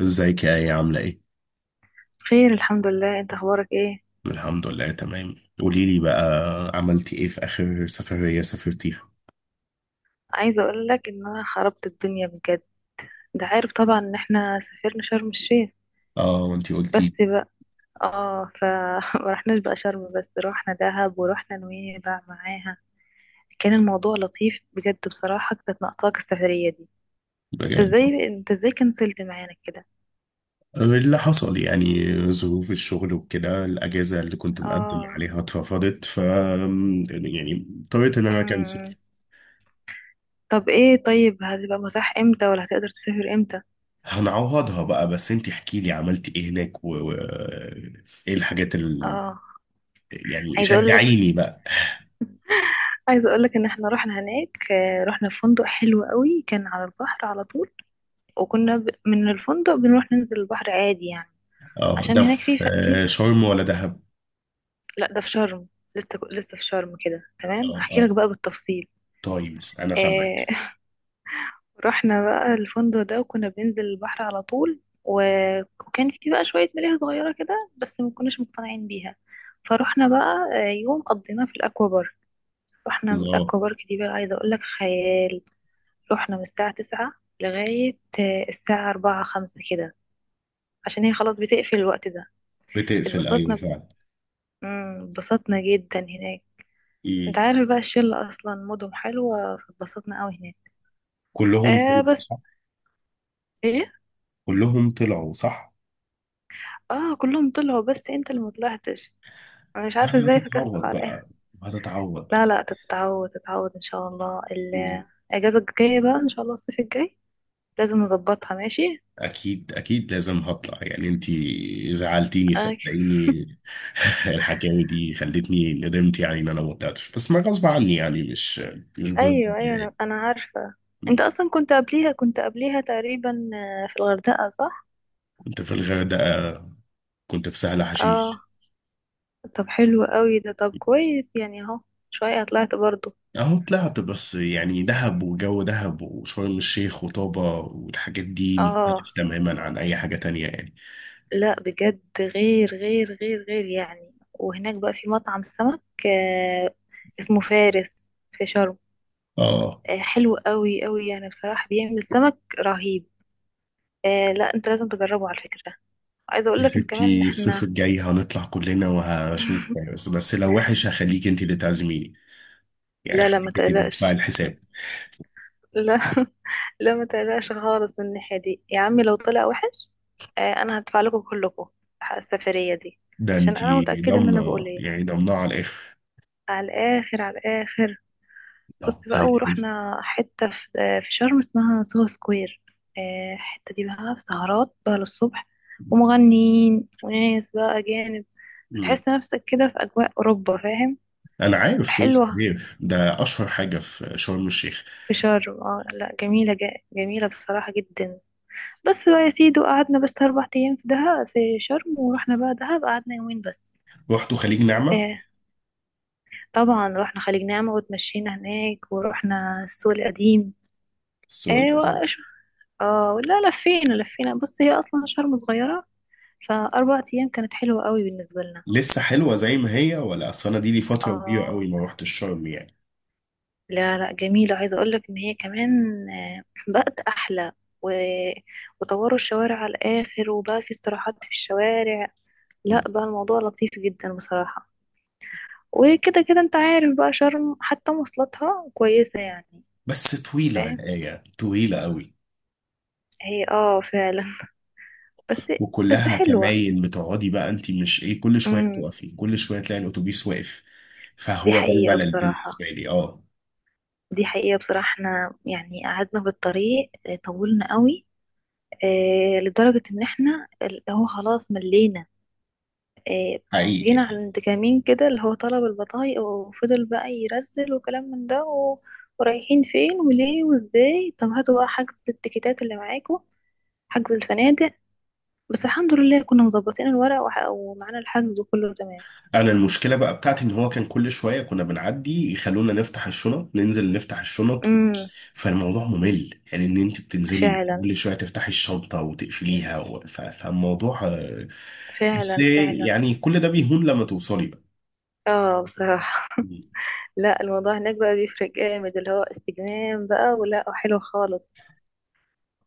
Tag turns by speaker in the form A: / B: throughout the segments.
A: ازيك يا ايه، عاملة ايه؟
B: خير، الحمد لله. انت اخبارك ايه؟
A: الحمد لله تمام. قولي لي بقى، عملتي ايه في اخر سفرية سافرتيها؟
B: عايزه اقول لك ان انا خربت الدنيا بجد. انت عارف طبعا ان احنا سافرنا شرم الشيخ،
A: اه، وانتي
B: بس
A: قلتي.
B: بقى. اه ما رحناش بقى شرم، بس روحنا دهب ورحنا نويبع معاها. كان الموضوع لطيف بجد بصراحه، كانت ناقصاك السفريه دي. انت
A: بجد.
B: ازاي انت ازاي كنسلت معانا كده؟
A: اللي حصل يعني ظروف الشغل وكده، الاجازة اللي كنت مقدم
B: اه.
A: عليها اترفضت، ف يعني اضطريت ان انا اكنسل.
B: امم. طب ايه، طيب هتبقى متاح امتى، ولا هتقدر تسافر امتى؟
A: هنعوضها بقى، بس انتي احكي لي عملتي ايه هناك ايه الحاجات اللي
B: اه.
A: يعني
B: عايزه اقول لك
A: شجعيني بقى.
B: عايزة اقولك ان احنا رحنا هناك. آه، رحنا فندق حلو قوي، كان على البحر على طول. وكنا من الفندق بنروح ننزل البحر عادي يعني.
A: اه،
B: عشان
A: ده
B: هناك في
A: في
B: ف... في
A: شرم ولا دهب؟
B: لا، ده في شرم. لسه في شرم كده، تمام.
A: اه
B: هحكي لك
A: اه،
B: بقى بالتفصيل.
A: طيب انا سامعك.
B: آه... رحنا بقى الفندق ده، وكنا بننزل البحر على طول. و... وكان في بقى شوية ملاهي صغيرة كده، بس ما كناش مقتنعين بيها. فرحنا بقى آه، يوم قضيناه في الاكوا بارك. رحنا الاكوا بارك دي، بقى عايزة اقولك خيال. رحنا من الساعة 9 لغاية آه، الساعة أربعة خمسة كده، عشان هي خلاص بتقفل الوقت ده.
A: بتقفل، ايوه
B: اتبسطنا،
A: فعلا.
B: مم، اتبسطنا جدا هناك. انت
A: مم.
B: عارف بقى الشلة أصلا مودهم حلوة، فاتبسطنا قوي هناك.
A: كلهم
B: آه
A: طلعوا
B: بس.
A: صح؟
B: ايه.
A: كلهم طلعوا صح.
B: اه، كلهم طلعوا بس انت اللي مطلعتش. انا مش عارفة
A: انا
B: ازاي فكستك
A: هتتعوض
B: على الآخر.
A: بقى، هتتعوض.
B: لا لا، تتعود تتعود ان شاء الله.
A: مم.
B: الأجازة الجاية بقى ان شاء الله، الصيف الجاي لازم نظبطها، ماشي.
A: اكيد اكيد، لازم هطلع يعني، انتي زعلتيني
B: آه.
A: صدقيني. الحكاوي دي خلتني ندمت يعني ان انا ما طلعتش، بس ما غصب عني يعني، مش بجد
B: ايوه ايوه،
A: يعني.
B: انا عارفه. انت اصلا كنت قبليها، كنت قبليها تقريبا آه، في الغردقه صح.
A: كنت في الغردقه، كنت في سهل
B: اه.
A: حشيش.
B: طب حلو قوي ده، طب كويس يعني اهو. شويه طلعت برضو.
A: اهو طلعت، بس يعني دهب وجو دهب وشرم الشيخ وطابة والحاجات دي
B: اه،
A: مختلف تماما عن اي حاجه تانية يعني،
B: لا بجد غير غير غير غير يعني. وهناك بقى في مطعم سمك، آه، اسمه فارس، في شرم.
A: اه.
B: آه، حلو قوي قوي يعني بصراحه، بيعمل سمك رهيب. آه لا، انت لازم تجربه على فكره. عايزه اقول
A: يا
B: لك ان كمان
A: ستي، الصيف
B: احنا.
A: الجاي هنطلع كلنا وهشوف، بس لو وحش هخليك انت اللي تعزميني، يعني
B: لا لا، ما
A: هخليك انت اللي تدفعي
B: تقلقش.
A: الحساب.
B: لا لا ما تقلقش خالص من الناحية دي يا عمي، لو طلع وحش. آه انا هدفع لكم كلكم حق السفرية دي،
A: ده
B: عشان
A: انت
B: انا متأكدة ان انا
A: ضامنه
B: بقول ايه.
A: يعني، ضامنه على الاخر.
B: على الاخر، على الاخر.
A: طب
B: بصي
A: زي
B: بقى،
A: الفل.
B: ورحنا حتة في, آه في شرم اسمها سوهو سكوير. آه الحتة دي بقى في سهرات بقى للصبح، ومغنيين وناس بقى أجانب.
A: مم.
B: هتحس نفسك كده في أجواء أوروبا، فاهم.
A: انا عارف، صوص
B: حلوة
A: كبير ده اشهر حاجه في شرم الشيخ.
B: في شرم، اه، لا جميلة جميلة بصراحة جدا. بس بقى يا سيدي، وقعدنا بس 4 أيام في دهب في شرم، ورحنا بقى دهب قعدنا يومين بس.
A: رحتوا خليج نعمه؟
B: آه، طبعا رحنا خليج نعمة وتمشينا هناك، ورحنا السوق القديم.
A: السؤال.
B: آه اه لا، لفينا لفينا. بص هي أصلا شرم صغيرة، فأربع أيام كانت حلوة قوي بالنسبة لنا.
A: لسه حلوه زي ما هي؟ ولا اصل انا دي لي فتره كبيره
B: اه،
A: قوي ما رحتش شرم يعني.
B: لا لا جميلة، عايزة أقولك إن هي كمان آه، بقت أحلى. و... وطوروا الشوارع على الآخر، وبقى في استراحات في الشوارع. لا
A: مم.
B: بقى الموضوع لطيف جدا بصراحة. وكده كده انت عارف بقى شرم حتى مواصلاتها كويسة يعني.
A: بس طويله يا
B: فاهم.
A: ايه، طويله قوي.
B: هي اه فعلا بس. بس
A: وكلها
B: حلوة.
A: كماين، بتقعدي بقى انت، مش ايه، كل شويه
B: امم.
A: تقفي، كل شويه تلاقي الاتوبيس واقف.
B: دي
A: فهو ده
B: حقيقة
A: الملل
B: بصراحة،
A: بالنسبه لي، اه.
B: دي حقيقة بصراحة احنا يعني قعدنا في الطريق اه، طولنا قوي. اه لدرجة ان احنا اللي هو خلاص ملينا. اه.
A: حقيقي
B: جينا
A: يعني.
B: عند كمين كده، اللي هو طلب البطايق، وفضل بقى يرسل وكلام من ده ورايحين فين وليه وازاي. طب هاتوا بقى حجز التيكيتات اللي معاكم، حجز الفنادق. بس الحمد لله كنا مظبطين الورق ومعانا الحجز، وكله تمام.
A: انا المشكله بقى بتاعتي ان هو كان كل شويه كنا بنعدي يخلونا نفتح الشنط، ننزل نفتح الشنط
B: امم.
A: فالموضوع ممل، يعني ان انت بتنزلي
B: فعلا
A: كل شويه تفتحي الشنطه وتقفليها فالموضوع بس
B: فعلا فعلا.
A: يعني كل ده بيهون لما توصلي بقى.
B: اه بصراحة. لا الموضوع هناك بقى بيفرق جامد، اللي هو استجمام بقى، ولا حلو خالص.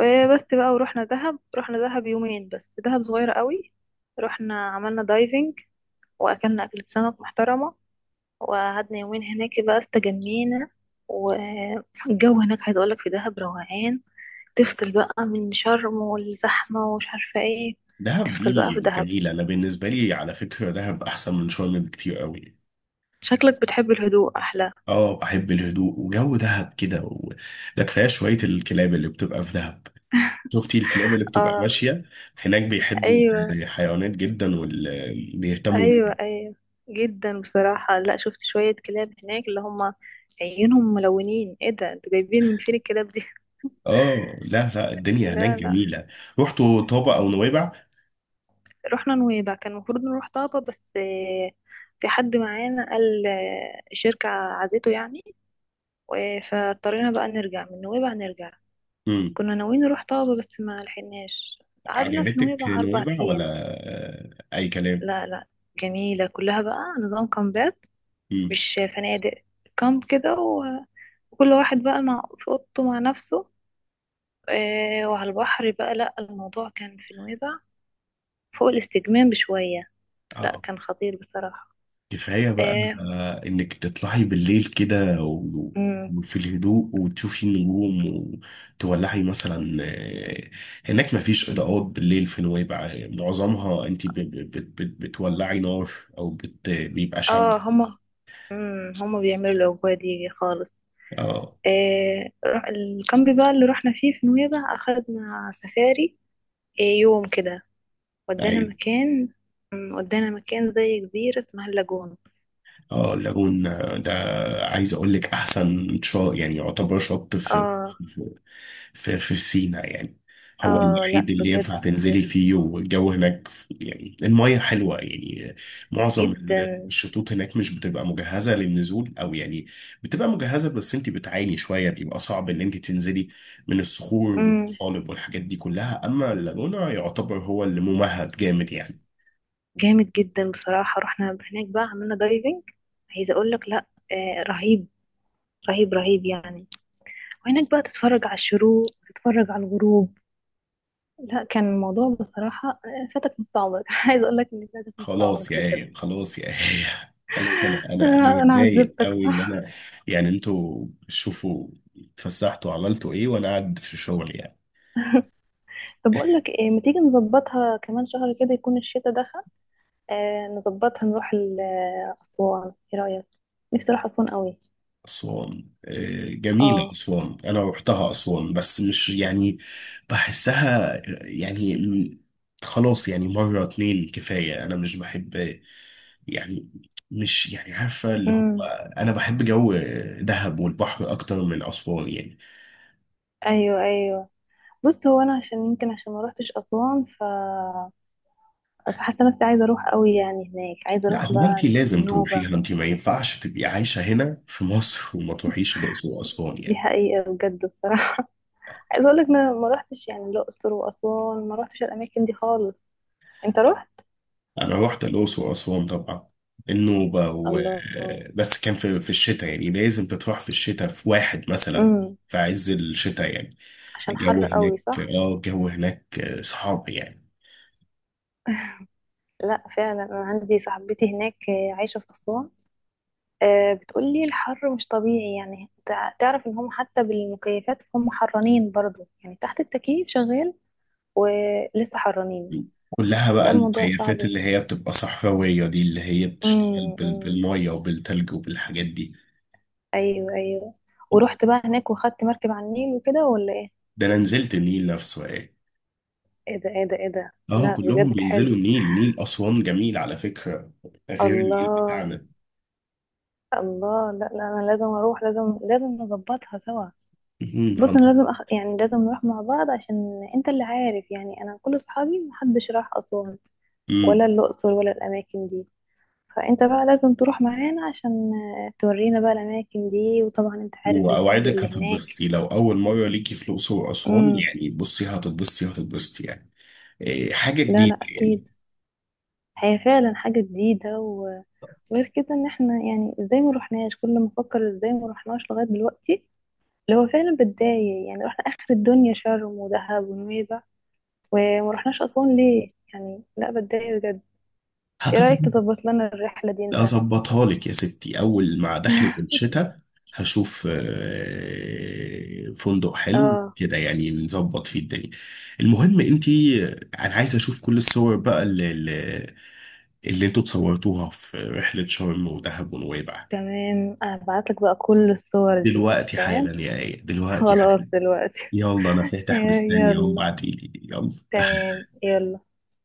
B: آه، بس بقى ورحنا دهب، رحنا دهب يومين بس، دهب صغيرة قوي. رحنا عملنا دايفنج، واكلنا اكلة سمك محترمة، وقعدنا يومين هناك بقى استجمينا. والجو هناك عايز اقولك في دهب روقان. تفصل بقى من شرم والزحمة ومش عارفة ايه.
A: دهب
B: تفصل بقى
A: دي
B: في دهب.
A: جميله، انا بالنسبه لي على فكره دهب احسن من شرم بكتير قوي.
B: شكلك بتحب الهدوء أحلى.
A: اه، بحب الهدوء وجو دهب كده ده كفايه شويه الكلاب اللي بتبقى في دهب. شفتي الكلاب اللي بتبقى
B: اه.
A: ماشيه؟ هناك بيحبوا
B: أيوة
A: الحيوانات جدا وبيهتموا
B: أيوة
A: بيها.
B: أيوة. جدا بصراحة، لا شفت شوية كلاب هناك، اللي هما عيونهم ملونين. ايه ده انتوا جايبين من فين الكلاب دي؟
A: اه، لا لا، الدنيا هناك
B: لا لا.
A: جميله. رحتوا طابا او نويبع؟
B: رحنا نويبع، كان المفروض نروح طابة بس آه، في حد معانا قال آه، الشركة عزيته يعني. فاضطرينا بقى نرجع من نويبع نرجع.
A: امم.
B: كنا ناويين نروح طابة بس ما لحقناش. قعدنا في
A: عجبتك
B: نويبع أربع
A: نويبع ولا؟
B: أيام
A: اي كلام.
B: لا لا جميلة كلها بقى. نظام كامبات،
A: امم.
B: مش فنادق. كامب كده وكل واحد بقى مع في أوضته مع نفسه. آه، وعلى البحر بقى، لا الموضوع كان في نويبع فوق الاستجمام بشوية. لا
A: اه
B: كان خطير بصراحة.
A: كفايه بقى
B: اه.
A: انك تطلعي بالليل كده
B: مم.
A: وفي الهدوء وتشوفي النجوم، وتولعي مثلا هناك مفيش اضاءات بالليل في نويبع، معظمها انت بتولعي نار، او بيبقى شمع.
B: آه، هما. مم، هما بيعملوا الأجواء دي خالص.
A: اه.
B: آه، الكامب بقى اللي رحنا فيه في نويبع، أخدنا سفاري آه، يوم كده. ودانا
A: أيوة.
B: مكان. مم، ودانا مكان زي جزيرة اسمها اللاجون.
A: اه، اللاجون ده، عايز اقول لك احسن شاطئ، يعني يعتبر شط في
B: اه
A: في سينا يعني. هو
B: اه. لا
A: الوحيد اللي ينفع
B: بجد
A: تنزلي فيه، والجو هناك يعني، المية حلوة يعني. معظم
B: جدا.
A: الشطوط هناك مش بتبقى مجهزة للنزول او يعني، بتبقى مجهزة بس انت بتعاني شوية، بيبقى صعب ان انت تنزلي من الصخور
B: مم.
A: والطحالب والحاجات دي كلها. اما اللاجونة يعتبر هو اللي ممهد جامد يعني.
B: جامد جدا بصراحة، رحنا هناك بقى عملنا دايفنج. عايزة اقول لك لا. آه رهيب، رهيب رهيب يعني. وهناك بقى تتفرج على الشروق، تتفرج على الغروب. لا كان الموضوع بصراحة آه، فاتك نص عمرك. عايزة اقول لك ان فاتك نص
A: خلاص
B: عمرك
A: يا
B: بجد.
A: آية، خلاص يا آية، خلاص، انا
B: آه انا
A: متضايق
B: عذبتك
A: قوي ان
B: صح.
A: انا، يعني انتوا شوفوا اتفسحتوا عملتوا ايه، وانا قاعد في شغل يعني.
B: طب اقول لك إيه، ما تيجي نظبطها كمان شهر كده، يكون الشتاء دخل. آه نظبطها آه، أسوان، ايه رأيك؟ نفسي اروح أسوان قوي.
A: اسوان جميله،
B: اه.
A: اسوان انا روحتها، اسوان بس مش يعني بحسها يعني. خلاص يعني، مره اتنين كفايه، انا مش بحب يعني، مش يعني عارفه اللي هو،
B: امم.
A: انا بحب جو دهب والبحر اكتر من اسوان يعني.
B: ايوه ايوه. بص هو انا عشان يمكن عشان ما روحتش أسوان، ف فحاسة نفسي عايزة اروح قوي يعني هناك، عايزة
A: لا
B: اروح
A: هو انت
B: بقى
A: لازم
B: النوبة.
A: تروحيها، انت ما ينفعش تبقي عايشة هنا في مصر وما تروحيش الأقصر وأسوان
B: دي
A: يعني.
B: حقيقة بجد الصراحة. عايزة اقول لك انا ما روحتش يعني الأقصر وأسوان، ما روحتش الأماكن دي خالص. انت روحت.
A: أنا رحت الأقصر وأسوان طبعا، النوبة
B: الله.
A: بس كان في الشتاء يعني، لازم تروح في الشتاء في واحد مثلا،
B: امم.
A: في عز الشتاء يعني.
B: عشان
A: الجو
B: حر
A: هناك
B: قوي صح.
A: صعب يعني.
B: لا فعلا، انا عندي صاحبتي هناك آه، عايشة في أسوان. آه، بتقولي الحر مش طبيعي يعني. تعرف ان هم حتى بالمكيفات هم حرانين برضو، يعني تحت التكييف شغال ولسه حرانين.
A: كلها بقى
B: ده الموضوع صعب
A: المكيفات اللي
B: هنا.
A: هي بتبقى صحراوية دي، اللي هي بتشتغل
B: امم. أمم.
A: بالمية وبالتلج وبالحاجات دي.
B: ايوه ايوه. ورحت بقى هناك، وخدت مركب على النيل وكده، ولا ايه؟
A: ده أنا نزلت النيل نفسه، إيه؟
B: ايه ده، ايه ده، ايه ده.
A: آه،
B: لا بجد
A: كلهم
B: حلو.
A: بينزلوا النيل، نيل أسوان جميل على فكرة، غير النيل
B: الله
A: بتاعنا.
B: الله. لا لا، انا لازم اروح، لازم لازم نظبطها سوا.
A: مم.
B: بص انا يعني لازم نروح مع بعض، عشان انت اللي عارف يعني انا كل اصحابي محدش راح اسوان
A: هن-
B: ولا الأقصر ولا الأماكن دي. فأنت بقى لازم تروح معانا عشان آه، تورينا بقى الأماكن دي. وطبعا أنت عارف الفنادق
A: واوعدك
B: اللي هناك.
A: هتتبسطي لو اول مره ليكي في الاقصر واسوان
B: امم.
A: يعني، بصي هتتبسطي، هتتبسطي يعني، إيه، حاجه
B: لا
A: جديده
B: لا
A: يعني.
B: أكيد. هي فعلا حاجة جديدة وغير كده، إن احنا يعني ازاي ما روحناش. كل ما أفكر ازاي ما روحناش لغاية دلوقتي، اللي هو فعلا بتضايق، يعني رحنا آخر الدنيا شرم ودهب ونويبع، وما روحناش أسوان ليه يعني. لا بتضايق بجد. ايه رأيك
A: هتتبسطي.
B: تظبط لنا الرحلة دي انت؟
A: اظبطها لك يا ستي اول مع دخلة الشتاء، هشوف فندق حلو
B: اه
A: كده يعني، نظبط فيه الدنيا. المهم انتي انا عايز اشوف كل الصور بقى اللي انتوا اتصورتوها في رحله شرم ودهب ونويبع.
B: تمام، هبعتلك بقى كل الصور دي،
A: دلوقتي
B: تمام.
A: حالا يا ايه، دلوقتي
B: خلاص
A: حالا.
B: دلوقتي.
A: يلا، انا فاتح مستني اهو،
B: يلا.
A: ابعتيلي يلا.
B: تمام يلا.